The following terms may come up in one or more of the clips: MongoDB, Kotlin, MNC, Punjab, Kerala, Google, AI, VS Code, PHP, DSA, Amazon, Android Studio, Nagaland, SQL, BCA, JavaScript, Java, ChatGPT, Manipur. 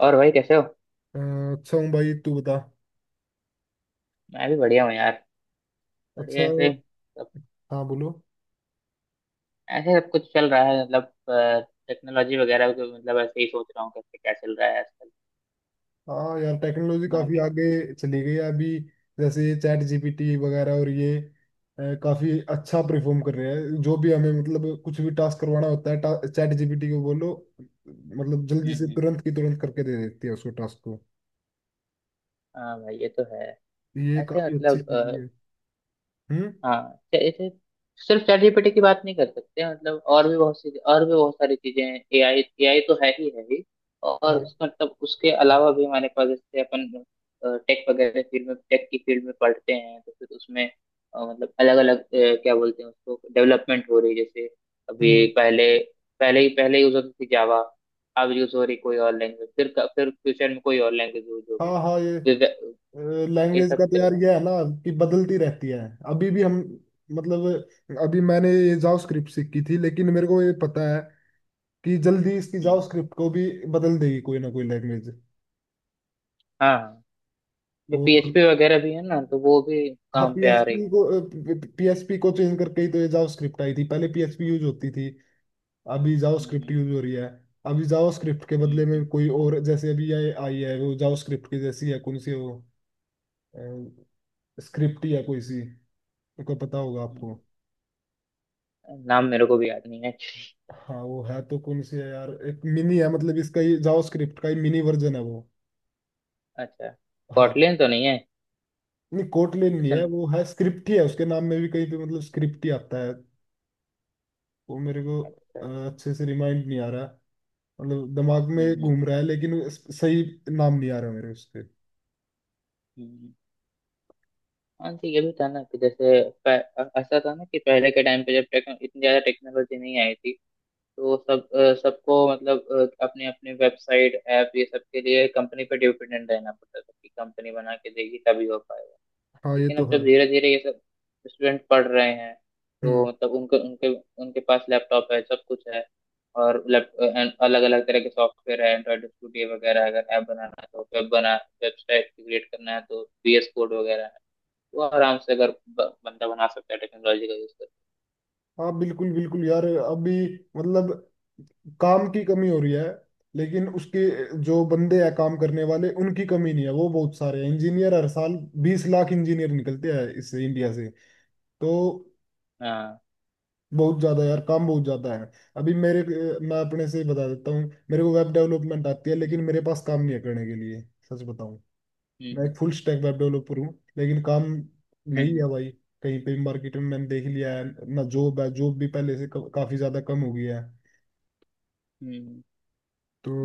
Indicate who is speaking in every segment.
Speaker 1: और भाई कैसे हो।
Speaker 2: अच्छा हूँ भाई, तू बता।
Speaker 1: मैं भी बढ़िया हूँ यार।
Speaker 2: अच्छा।
Speaker 1: बढ़िया ऐसे सब।
Speaker 2: हाँ, बोलो।
Speaker 1: ऐसे सब कुछ चल रहा है मतलब टेक्नोलॉजी वगैरह के मतलब ऐसे ही सोच रहा हूँ कैसे क्या चल रहा है आजकल।
Speaker 2: हाँ यार, टेक्नोलॉजी
Speaker 1: तुम्हारा
Speaker 2: काफी
Speaker 1: क्या है?
Speaker 2: आगे चली गई है अभी। जैसे ये चैट जीपीटी वगैरह और ये काफी अच्छा परफॉर्म कर रहे हैं। जो भी हमें मतलब कुछ भी टास्क करवाना होता है चैट जीपीटी को बोलो, मतलब जल्दी
Speaker 1: हम्म।
Speaker 2: से
Speaker 1: हम्म।
Speaker 2: तुरंत की तुरंत करके दे देती है उसको, टास्क को।
Speaker 1: हाँ भाई ये तो है।
Speaker 2: ये
Speaker 1: ऐसे
Speaker 2: काफी अच्छी
Speaker 1: मतलब।
Speaker 2: चीज भी है। हम्म।
Speaker 1: हाँ। चे- चे- सिर्फ चैट जीपीटी की बात नहीं कर सकते मतलब और भी बहुत सी और भी बहुत सारी चीजें हैं। एआई एआई तो है ही है ही। और
Speaker 2: हाँ।
Speaker 1: उस मतलब उसके अलावा भी हमारे पास जैसे अपन टेक की फील्ड में पढ़ते हैं तो फिर उसमें मतलब अलग अलग क्या बोलते हैं उसको डेवलपमेंट हो रही है। जैसे अभी
Speaker 2: हम्म।
Speaker 1: पहले पहले ही पहले यूज होती थी जावा। अब यूज हो रही कोई और लैंग्वेज फिर फ्यूचर में कोई और लैंग्वेज यूज होगी।
Speaker 2: हाँ हाँ ये,
Speaker 1: ये
Speaker 2: लैंग्वेज
Speaker 1: सब
Speaker 2: का तो
Speaker 1: चल
Speaker 2: यार
Speaker 1: रहा है।
Speaker 2: ये है ना कि बदलती रहती है। अभी भी हम मतलब अभी मैंने ये जावास्क्रिप्ट सीखी थी, लेकिन मेरे को ये पता है कि जल्दी इसकी
Speaker 1: हम्म।
Speaker 2: जावास्क्रिप्ट को भी बदल देगी कोई ना कोई लैंग्वेज।
Speaker 1: हाँ जो
Speaker 2: और
Speaker 1: पीएचपी वगैरह भी है ना तो वो भी
Speaker 2: हाँ
Speaker 1: काम पे आ रही
Speaker 2: पीएचपी
Speaker 1: है।
Speaker 2: को, पीएचपी को चेंज करके ही तो ये जावास्क्रिप्ट आई थी। पहले पीएचपी यूज होती थी, अभी जावास्क्रिप्ट
Speaker 1: हम्म।
Speaker 2: यूज हो रही है। अभी जावास्क्रिप्ट के
Speaker 1: हम्म।
Speaker 2: बदले में
Speaker 1: हम्म।
Speaker 2: कोई और, जैसे अभी ये आई है वो जावास्क्रिप्ट की जैसी है, कौन सी है वो, स्क्रिप्ट ही है कोई सी, को पता होगा आपको।
Speaker 1: हम्म। नाम मेरे को भी याद नहीं है।
Speaker 2: हाँ वो है, तो कौन सी है यार, एक मिनी है मतलब इसका, ये जावास्क्रिप्ट का ही मिनी वर्जन है वो।
Speaker 1: अच्छा।
Speaker 2: हाँ।
Speaker 1: कॉटलिन तो नहीं है।
Speaker 2: नहीं कोटलिन नहीं
Speaker 1: अच्छा।
Speaker 2: है, वो है स्क्रिप्ट ही है, उसके नाम में भी कहीं पे मतलब स्क्रिप्ट ही आता है। वो मेरे को
Speaker 1: अच्छा।
Speaker 2: अ, अच्छे से रिमाइंड नहीं आ रहा, मतलब दिमाग में
Speaker 1: हम्म। हम्म।
Speaker 2: घूम रहा है लेकिन सही नाम नहीं आ रहा मेरे उसके।
Speaker 1: हम्म। हाँ जी ये भी था ना कि जैसे ऐसा था ना कि पहले के टाइम पे जब इतनी ज्यादा टेक्नोलॉजी नहीं आई थी तो सबको मतलब अपने अपने वेबसाइट ऐप ये सब के लिए कंपनी पे डिपेंडेंट रहना पड़ता था कि कंपनी बना के देगी तभी हो पाएगा।
Speaker 2: हाँ ये
Speaker 1: लेकिन
Speaker 2: तो
Speaker 1: अब जब
Speaker 2: है।
Speaker 1: धीरे धीरे ये सब स्टूडेंट पढ़ रहे हैं तो
Speaker 2: हम्म।
Speaker 1: मतलब उनके उनके उनके पास लैपटॉप है सब कुछ है। और अलग अलग तरह के सॉफ्टवेयर है एंड्रॉइड स्टूडियो वगैरह अगर ऐप बनाना है तो वेबसाइट क्रिएट करना है तो VS कोड वगैरह है। वो आराम से अगर बंदा बना सकता है टेक्नोलॉजी का यूज करके।
Speaker 2: हाँ बिल्कुल बिल्कुल यार, अभी मतलब काम की कमी हो रही है, लेकिन उसके जो बंदे हैं काम करने वाले, उनकी कमी नहीं है, वो बहुत सारे हैं। इंजीनियर हर साल 20 लाख इंजीनियर निकलते हैं इस इंडिया से, तो
Speaker 1: हाँ।
Speaker 2: बहुत ज्यादा यार, काम बहुत ज्यादा है। अभी मेरे, मैं अपने से ही बता देता हूँ। मेरे को वेब डेवलपमेंट आती है लेकिन मेरे पास काम नहीं है करने के लिए, सच बताऊँ। मैं
Speaker 1: हम्म।
Speaker 2: एक फुल स्टैक वेब डेवलपर हूँ, लेकिन काम
Speaker 1: हम्म।
Speaker 2: नहीं
Speaker 1: हम्म।
Speaker 2: है भाई। कहीं पे मार्केट में मैंने देख लिया है, ना जॉब है, जॉब भी पहले से काफी ज्यादा कम हो गई है।
Speaker 1: हम्म।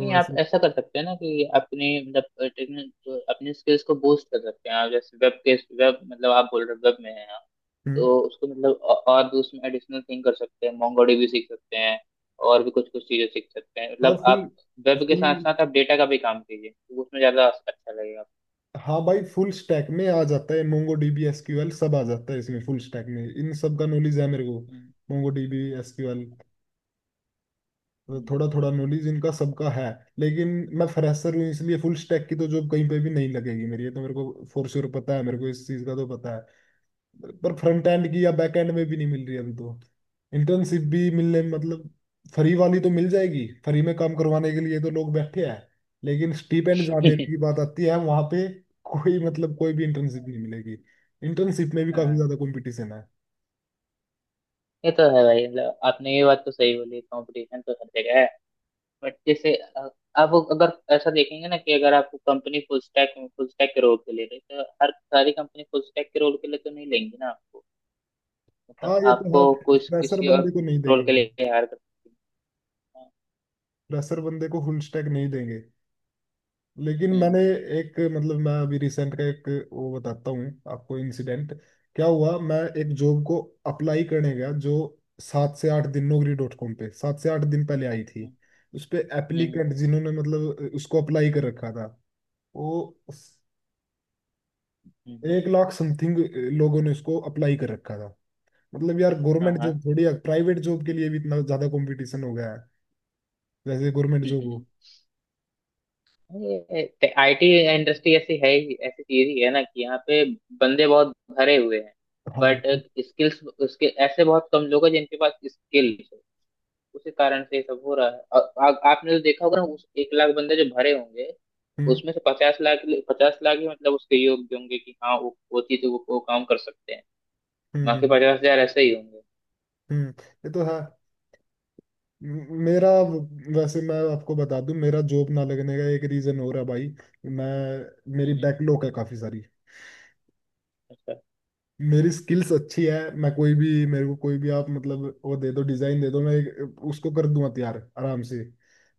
Speaker 1: नहीं, आप
Speaker 2: ऐसे।
Speaker 1: ऐसा कर सकते हैं ना कि अपने मतलब टेक्निक अपने स्किल्स को बूस्ट कर सकते हैं आप जैसे वेब मतलब आप बोल रहे वेब में है
Speaker 2: हम्म।
Speaker 1: तो उसको मतलब और भी उसमें एडिशनल थिंग कर सकते हैं मोंगोडीबी सीख सकते हैं। और भी कुछ कुछ चीजें सीख सकते हैं
Speaker 2: हाँ
Speaker 1: मतलब
Speaker 2: फुल,
Speaker 1: आप वेब के साथ साथ आप डेटा का भी काम कीजिए तो उसमें ज्यादा अच्छा लगेगा।
Speaker 2: हाँ भाई, फुल स्टैक में आ जाता है, मोंगो डीबी एसक्यूएल सब आ जाता है इसमें। फुल स्टैक में इन सब का नॉलेज है मेरे को।
Speaker 1: हम्म।
Speaker 2: मोंगो डीबी एसक्यूएल थोड़ा थोड़ा
Speaker 1: हम्म।
Speaker 2: नॉलेज इनका सबका है, लेकिन मैं फ्रेशर हूँ इसलिए फुल स्टैक की तो जॉब कहीं पे भी नहीं लगेगी मेरी, ये तो मेरे को फोर श्योर पता है, मेरे को इस चीज़ का तो पता है। पर फ्रंट एंड की या बैक एंड में भी नहीं मिल रही अभी, तो इंटर्नशिप भी मिलने
Speaker 1: हम्म।
Speaker 2: मतलब फ्री वाली तो मिल जाएगी, फ्री में काम करवाने के लिए तो लोग बैठे हैं। लेकिन स्टीपेंड जहाँ देने की बात आती है वहां पे कोई मतलब कोई भी इंटर्नशिप
Speaker 1: आपको।
Speaker 2: नहीं मिलेगी। इंटर्नशिप में भी काफी
Speaker 1: हाँ
Speaker 2: ज्यादा कंपटीशन है।
Speaker 1: ये तो है भाई मतलब आपने ये बात तो सही बोली, कंपटीशन तो हर जगह है। बट जैसे आप अगर ऐसा देखेंगे ना कि अगर आपको कंपनी फुल स्टैक के रोल के लिए रही तो हर सारी कंपनी फुल स्टैक के रोल के लिए तो नहीं लेंगी ना आपको। मतलब
Speaker 2: हाँ ये तो
Speaker 1: आपको
Speaker 2: है।
Speaker 1: कुछ
Speaker 2: फ्रेशर
Speaker 1: किसी और
Speaker 2: बंदे को नहीं
Speaker 1: रोल
Speaker 2: देंगे,
Speaker 1: के लिए हायर कर सकती
Speaker 2: फ्रेशर बंदे को फुल स्टैक नहीं देंगे। लेकिन
Speaker 1: है।
Speaker 2: मैंने
Speaker 1: हम्म।
Speaker 2: एक मतलब मैं अभी रिसेंट का एक वो बताता हूँ आपको, इंसिडेंट। क्या हुआ, मैं एक
Speaker 1: हम्म।
Speaker 2: जॉब को अप्लाई करने गया जो 7 से 8 दिन naukri.com पे, 7 से 8 दिन पहले आई
Speaker 1: हम्म।
Speaker 2: थी। उस पे
Speaker 1: हम्म।
Speaker 2: एप्लीकेंट जिन्होंने मतलब उसको अप्लाई कर रखा था, वो
Speaker 1: हम्म।
Speaker 2: 1 लाख समथिंग लोगों ने उसको अप्लाई कर रखा था। मतलब यार
Speaker 1: हाँ।
Speaker 2: गवर्नमेंट
Speaker 1: हाँ।
Speaker 2: जॉब थोड़ी, प्राइवेट जॉब के लिए भी इतना ज्यादा कंपटीशन हो गया है, जैसे गवर्नमेंट जॉब हो।
Speaker 1: हम्म। ये आईटी इंडस्ट्री ऐसी है ही, ऐसी चीज ही है ना कि यहाँ पे बंदे बहुत भरे हुए हैं बट
Speaker 2: हाँ।
Speaker 1: स्किल्स उसके ऐसे बहुत कम लोग हैं जिनके पास स्किल्स है। उसी कारण से ये सब हो रहा है। आ, आ, आपने तो देखा होगा ना उस 1 लाख बंदे जो भरे होंगे
Speaker 2: हम्म।
Speaker 1: उसमें से 50 लाख 50 लाख ही मतलब उसके योग्य होंगे कि हाँ वो चीज वो काम कर सकते हैं।
Speaker 2: हम्म।
Speaker 1: बाकी
Speaker 2: हम्म।
Speaker 1: 50 हजार ऐसे ही होंगे।
Speaker 2: हम्म, ये तो है। मेरा वैसे, मैं आपको बता दूं मेरा जॉब ना लगने का एक रीजन हो रहा है भाई, मैं, मेरी
Speaker 1: हम्म।
Speaker 2: बैकलॉग है काफी सारी।
Speaker 1: अच्छा।
Speaker 2: मेरी स्किल्स अच्छी है, मैं कोई भी मेरे को कोई भी आप मतलब वो दे दो, डिजाइन दे दो मैं उसको कर दूंगा तैयार आराम से।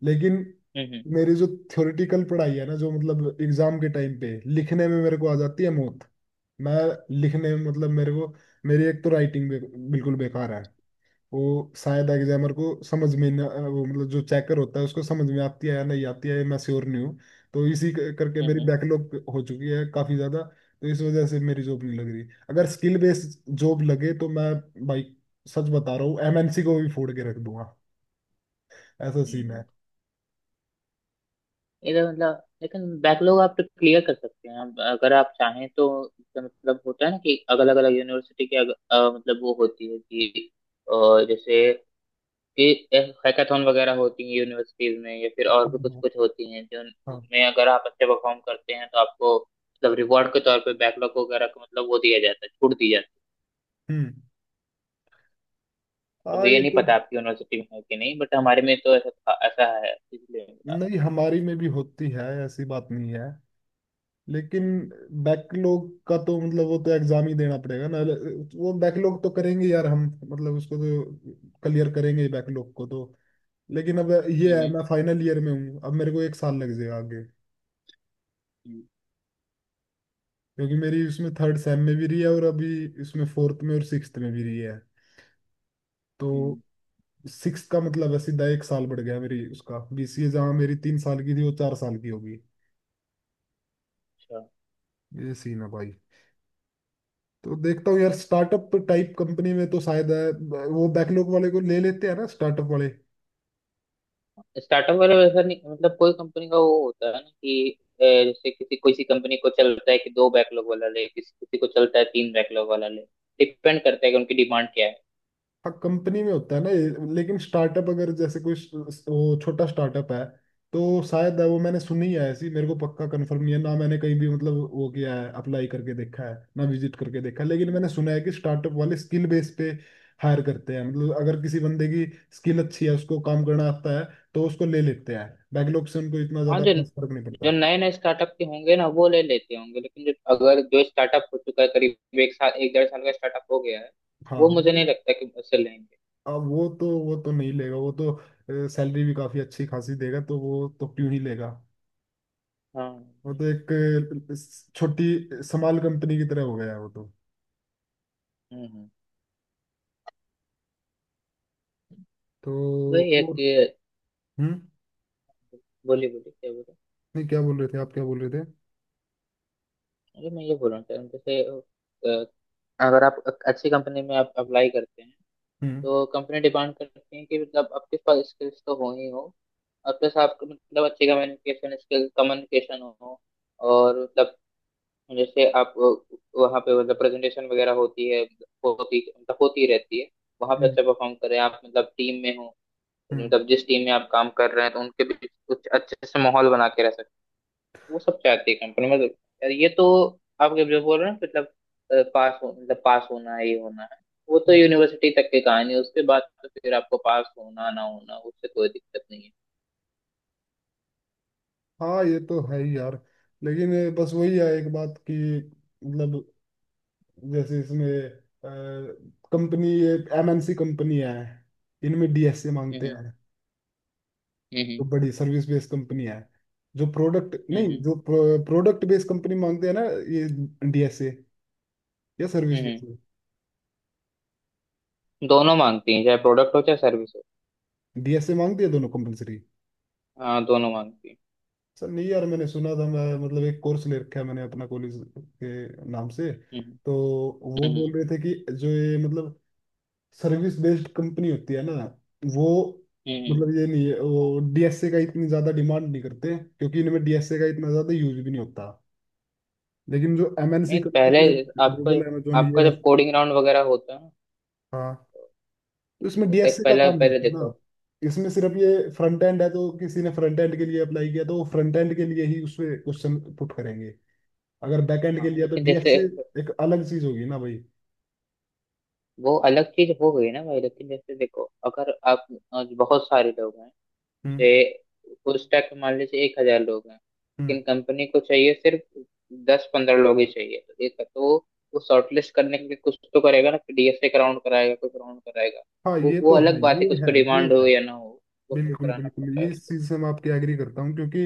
Speaker 2: लेकिन
Speaker 1: हम्म।
Speaker 2: मेरी जो थ्योरेटिकल पढ़ाई है ना जो मतलब एग्जाम के टाइम पे लिखने में मेरे को आ जाती है मौत। मैं लिखने में मतलब मेरे को, मेरी एक तो राइटिंग बिल्कुल बेकार है, वो शायद एग्जामर को समझ में ना, वो मतलब जो चेकर होता है उसको समझ में आती है या नहीं आती है ये मैं श्योर नहीं हूँ। तो इसी करके मेरी
Speaker 1: हम्म।
Speaker 2: बैकलॉग हो चुकी है काफी ज्यादा। तो इस वजह से मेरी जॉब नहीं लग रही, अगर स्किल बेस्ड जॉब लगे तो मैं, भाई सच बता रहा हूँ, एमएनसी को भी फोड़ के रख दूंगा, ऐसा सीन है।
Speaker 1: हम्म। इधर मतलब, लेकिन बैकलॉग आप तो क्लियर कर सकते हैं अब अगर आप चाहें तो। इसका मतलब होता है ना कि अलग अलग यूनिवर्सिटी के मतलब वो होती है कि अ, जैसे कि हैकाथॉन वगैरह होती है यूनिवर्सिटीज में या फिर और भी कुछ
Speaker 2: हम्म,
Speaker 1: कुछ होती हैं जो
Speaker 2: हाँ।
Speaker 1: जिनमें अगर आप अच्छे परफॉर्म करते हैं तो आपको मतलब रिवॉर्ड के तौर पे बैकलॉग वगैरह का मतलब वो दिया जाता है, छूट दी जाती है।
Speaker 2: हम्म।
Speaker 1: अब
Speaker 2: हाँ
Speaker 1: ये
Speaker 2: ये
Speaker 1: नहीं
Speaker 2: तो।
Speaker 1: पता आपकी यूनिवर्सिटी में है कि नहीं बट हमारे में तो ऐसा है इसलिए।
Speaker 2: नहीं हमारी में भी होती है, ऐसी बात नहीं है, लेकिन
Speaker 1: हम्म।
Speaker 2: बैकलॉग का तो मतलब वो तो एग्जाम ही देना पड़ेगा ना, वो बैकलॉग तो करेंगे यार हम, मतलब उसको तो क्लियर करेंगे ही बैकलॉग को तो। लेकिन अब ये है,
Speaker 1: हम्म।
Speaker 2: मैं फाइनल ईयर में हूँ, अब मेरे को 1 साल लग जाएगा आगे,
Speaker 1: हम्म।
Speaker 2: क्योंकि मेरी उसमें थर्ड सेम में भी रही है और अभी इसमें फोर्थ में और सिक्स्थ में भी रही है, तो
Speaker 1: हम्म।
Speaker 2: सिक्स का मतलब है सीधा 1 साल बढ़ गया मेरी। उसका बीसीए जहाँ मेरी 3 साल की थी वो 4 साल की होगी।
Speaker 1: अच्छा।
Speaker 2: ये सीन है भाई। तो देखता हूँ यार, स्टार्टअप टाइप कंपनी में तो शायद वो बैकलॉग वाले को ले लेते हैं ना स्टार्टअप वाले।
Speaker 1: स्टार्टअप वाले में ऐसा नहीं, मतलब कोई कंपनी का वो होता है ना कि जैसे किसी किसी कंपनी को चलता है कि दो बैकलॉग वाला ले, किसी किसी को चलता है तीन बैकलॉग वाला ले। डिपेंड करता है कि उनकी डिमांड क्या है।
Speaker 2: हाँ कंपनी में होता है ना ये, लेकिन स्टार्टअप अगर जैसे कोई वो छोटा स्टार्टअप है तो शायद वो, मैंने सुनी है ऐसी, मेरे को पक्का कंफर्म नहीं है ना, मैंने कहीं भी मतलब वो किया है, अप्लाई करके देखा है ना विजिट करके देखा है, लेकिन
Speaker 1: हम्म।
Speaker 2: मैंने सुना है कि स्टार्टअप वाले स्किल बेस पे हायर करते हैं, मतलब अगर किसी बंदे की स्किल अच्छी है, उसको काम करना आता है तो उसको ले लेते हैं, बैकलॉग से उनको इतना
Speaker 1: हाँ।
Speaker 2: ज्यादा
Speaker 1: जो
Speaker 2: खास फर्क नहीं
Speaker 1: जो
Speaker 2: पड़ता।
Speaker 1: नए नए स्टार्टअप के होंगे ना वो ले लेते होंगे लेकिन जो अगर जो स्टार्टअप हो चुका है करीब 1 साल 1 डेढ़ साल का स्टार्टअप हो गया है वो
Speaker 2: हाँ।
Speaker 1: मुझे नहीं लगता कि उससे लेंगे।
Speaker 2: अब वो तो, वो तो नहीं लेगा, वो तो सैलरी भी काफी अच्छी खासी देगा तो वो तो क्यों ही लेगा।
Speaker 1: हाँ।
Speaker 2: वो तो एक छोटी समाल कंपनी की तरह हो गया है वो तो।
Speaker 1: हम्म। हम्म।
Speaker 2: तो
Speaker 1: वही एक
Speaker 2: वो।
Speaker 1: ये
Speaker 2: हम्म।
Speaker 1: बोली बोली क्या बोले।
Speaker 2: नहीं क्या बोल रहे थे आप, क्या बोल रहे थे।
Speaker 1: अरे मैं ये बोल रहा था जैसे अगर आप अच्छी कंपनी में आप अप्लाई करते हैं
Speaker 2: हम्म।
Speaker 1: तो कंपनी डिमांड करती है कि मतलब आपके पास स्किल्स तो हो ही हो, और प्लस आपको मतलब अच्छी कम्युनिकेशन स्किल कम्युनिकेशन हो, और मतलब जैसे आप वहाँ पे मतलब प्रेजेंटेशन वगैरह होती है, होती मतलब होती रहती है, वहाँ पे
Speaker 2: हम्म।
Speaker 1: अच्छा परफॉर्म करें आप मतलब टीम में हो
Speaker 2: हम्म,
Speaker 1: मतलब जिस टीम में आप काम कर रहे हैं तो उनके बीच कुछ अच्छे से माहौल बना के रह सकते हैं, वो सब चाहती है कंपनी मतलब। यार ये तो आप जब जो बोल रहे हैं मतलब पास हो मतलब पास होना है ये होना है, वो तो
Speaker 2: हम्म।
Speaker 1: यूनिवर्सिटी तक की कहानी है, उसके बाद तो फिर आपको पास होना ना होना उससे कोई दिक्कत नहीं है।
Speaker 2: हाँ ये तो है ही यार, लेकिन बस वही है एक बात कि मतलब जैसे इसमें कंपनी, एक एमएनसी कंपनी है, इनमें डीएसए मांगते
Speaker 1: हम्म।
Speaker 2: हैं, तो
Speaker 1: हम्म।
Speaker 2: बड़ी सर्विस बेस्ड कंपनी है जो प्रोडक्ट नहीं,
Speaker 1: हम्म।
Speaker 2: जो प्रोडक्ट बेस्ड कंपनी मांगते हैं ना ये डीएसए, या सर्विस
Speaker 1: हम्म। हम्म।
Speaker 2: बेस्ड
Speaker 1: दोनों मांगती हैं चाहे प्रोडक्ट हो चाहे सर्विस हो।
Speaker 2: डीएसए मांगती है दोनों कंपलसरी।
Speaker 1: हाँ दोनों मांगती हैं।
Speaker 2: सर नहीं यार, मैंने सुना था, मैं मतलब एक कोर्स ले रखा है मैंने अपना कॉलेज के नाम से,
Speaker 1: हम्म।
Speaker 2: तो वो बोल
Speaker 1: हम्म।
Speaker 2: रहे थे कि जो ये मतलब सर्विस बेस्ड कंपनी होती है ना वो,
Speaker 1: हम्म।
Speaker 2: मतलब ये नहीं है, वो डीएसए का इतनी ज़्यादा डिमांड नहीं करते क्योंकि इनमें डीएसए का इतना ज़्यादा यूज भी नहीं होता। लेकिन जो एमएनसी
Speaker 1: नहीं पहले
Speaker 2: कंपनी लाइक
Speaker 1: आपको
Speaker 2: गूगल Amazon
Speaker 1: आपका
Speaker 2: ये,
Speaker 1: जब कोडिंग राउंड वगैरह होता है ना,
Speaker 2: हाँ,
Speaker 1: तो
Speaker 2: इसमें
Speaker 1: जैसे एक
Speaker 2: डीएसए का
Speaker 1: पहले
Speaker 2: काम नहीं
Speaker 1: पहले
Speaker 2: था
Speaker 1: देखो।
Speaker 2: ना, इसमें सिर्फ ये फ्रंट एंड है, तो किसी ने फ्रंट एंड के लिए अप्लाई किया तो वो फ्रंट एंड के लिए ही उसमें क्वेश्चन पुट करेंगे। अगर बैक एंड के
Speaker 1: हाँ।
Speaker 2: लिए तो
Speaker 1: लेकिन जैसे
Speaker 2: डीएसए एक अलग चीज होगी ना भाई।
Speaker 1: वो अलग चीज हो गई ना भाई, लेकिन जैसे देखो अगर आप बहुत सारे लोग हैं,
Speaker 2: हम्म।
Speaker 1: जैसे उस टाइप में मान लीजिए 1 हजार लोग हैं
Speaker 2: हम्म।
Speaker 1: लेकिन कंपनी को चाहिए सिर्फ दस पंद्रह लोग ही चाहिए तो एक तो वो शॉर्टलिस्ट करने के लिए कुछ तो करेगा ना, डीएसए का राउंड कराएगा, कुछ राउंड कराएगा।
Speaker 2: हाँ
Speaker 1: वो
Speaker 2: ये
Speaker 1: वो
Speaker 2: तो है,
Speaker 1: अलग बात है कि
Speaker 2: ये
Speaker 1: उसको
Speaker 2: है ये
Speaker 1: डिमांड हो
Speaker 2: है।
Speaker 1: या ना हो, वो क्यों
Speaker 2: बिल्कुल
Speaker 1: कराना
Speaker 2: बिल्कुल,
Speaker 1: पड़ता है
Speaker 2: ये इस
Speaker 1: उसको।
Speaker 2: चीज से मैं आपकी एग्री करता हूँ, क्योंकि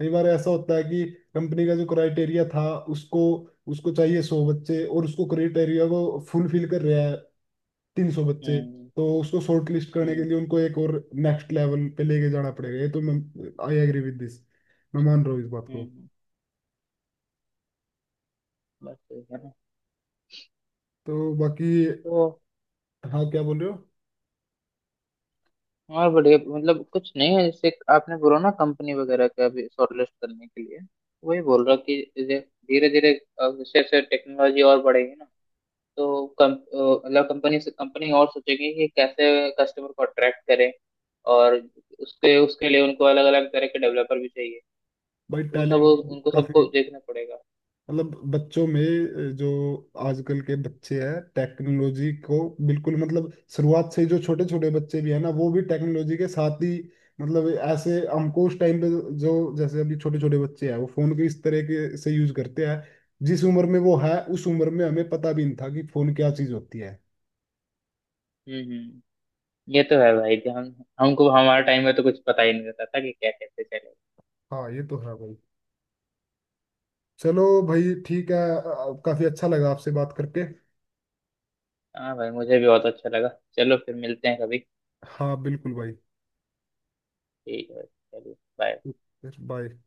Speaker 2: कई बार ऐसा होता है कि कंपनी का जो क्राइटेरिया था, उसको, उसको चाहिए 100 बच्चे और उसको क्राइटेरिया को फुलफिल कर रहा है 300 बच्चे,
Speaker 1: हम्म।
Speaker 2: तो उसको शॉर्ट लिस्ट करने के
Speaker 1: हम्म।
Speaker 2: लिए उनको एक और नेक्स्ट लेवल पे लेके जाना पड़ेगा, ये तो मैं, आई एग्री विद दिस, मैं मान रहा हूँ इस बात को।
Speaker 1: हम्म। बस ठीक है ना।
Speaker 2: तो बाकी,
Speaker 1: तो
Speaker 2: हाँ क्या बोल रहे हो।
Speaker 1: और बढ़िया, मतलब कुछ नहीं है जैसे आपने बोला ना कंपनी वगैरह का भी शॉर्टलिस्ट करने के लिए, वही बोल रहा कि धीरे धीरे जैसे जैसे टेक्नोलॉजी और बढ़ेगी ना तो मतलब कंपनी से कंपनी और सोचेगी कि कैसे कस्टमर को अट्रैक्ट करें और उसके उसके लिए उनको अलग अलग तरह के डेवलपर भी चाहिए
Speaker 2: भाई
Speaker 1: तो वो सब
Speaker 2: टैलेंट
Speaker 1: उनको सबको
Speaker 2: काफी,
Speaker 1: देखना पड़ेगा।
Speaker 2: मतलब बच्चों में, जो आजकल के बच्चे हैं, टेक्नोलॉजी को बिल्कुल मतलब शुरुआत से ही, जो छोटे छोटे बच्चे भी है ना वो भी टेक्नोलॉजी के साथ ही, मतलब ऐसे हमको उस टाइम पे, जो, जैसे अभी छोटे छोटे बच्चे हैं वो फोन को इस तरह के से यूज करते हैं, जिस उम्र में वो है उस उम्र में हमें पता भी नहीं था कि फोन क्या चीज होती है।
Speaker 1: हम्म। हम्म। ये तो है भाई कि हम हमको हमारे टाइम में तो कुछ पता ही नहीं रहता था कि क्या कैसे चलेगा।
Speaker 2: हाँ ये तो है भाई। चलो भाई ठीक है, काफी अच्छा लगा आपसे बात करके।
Speaker 1: हाँ भाई मुझे भी बहुत अच्छा लगा। चलो फिर मिलते हैं कभी।
Speaker 2: हाँ बिल्कुल भाई।
Speaker 1: ठीक है चलिए बाय।
Speaker 2: फिर बाय।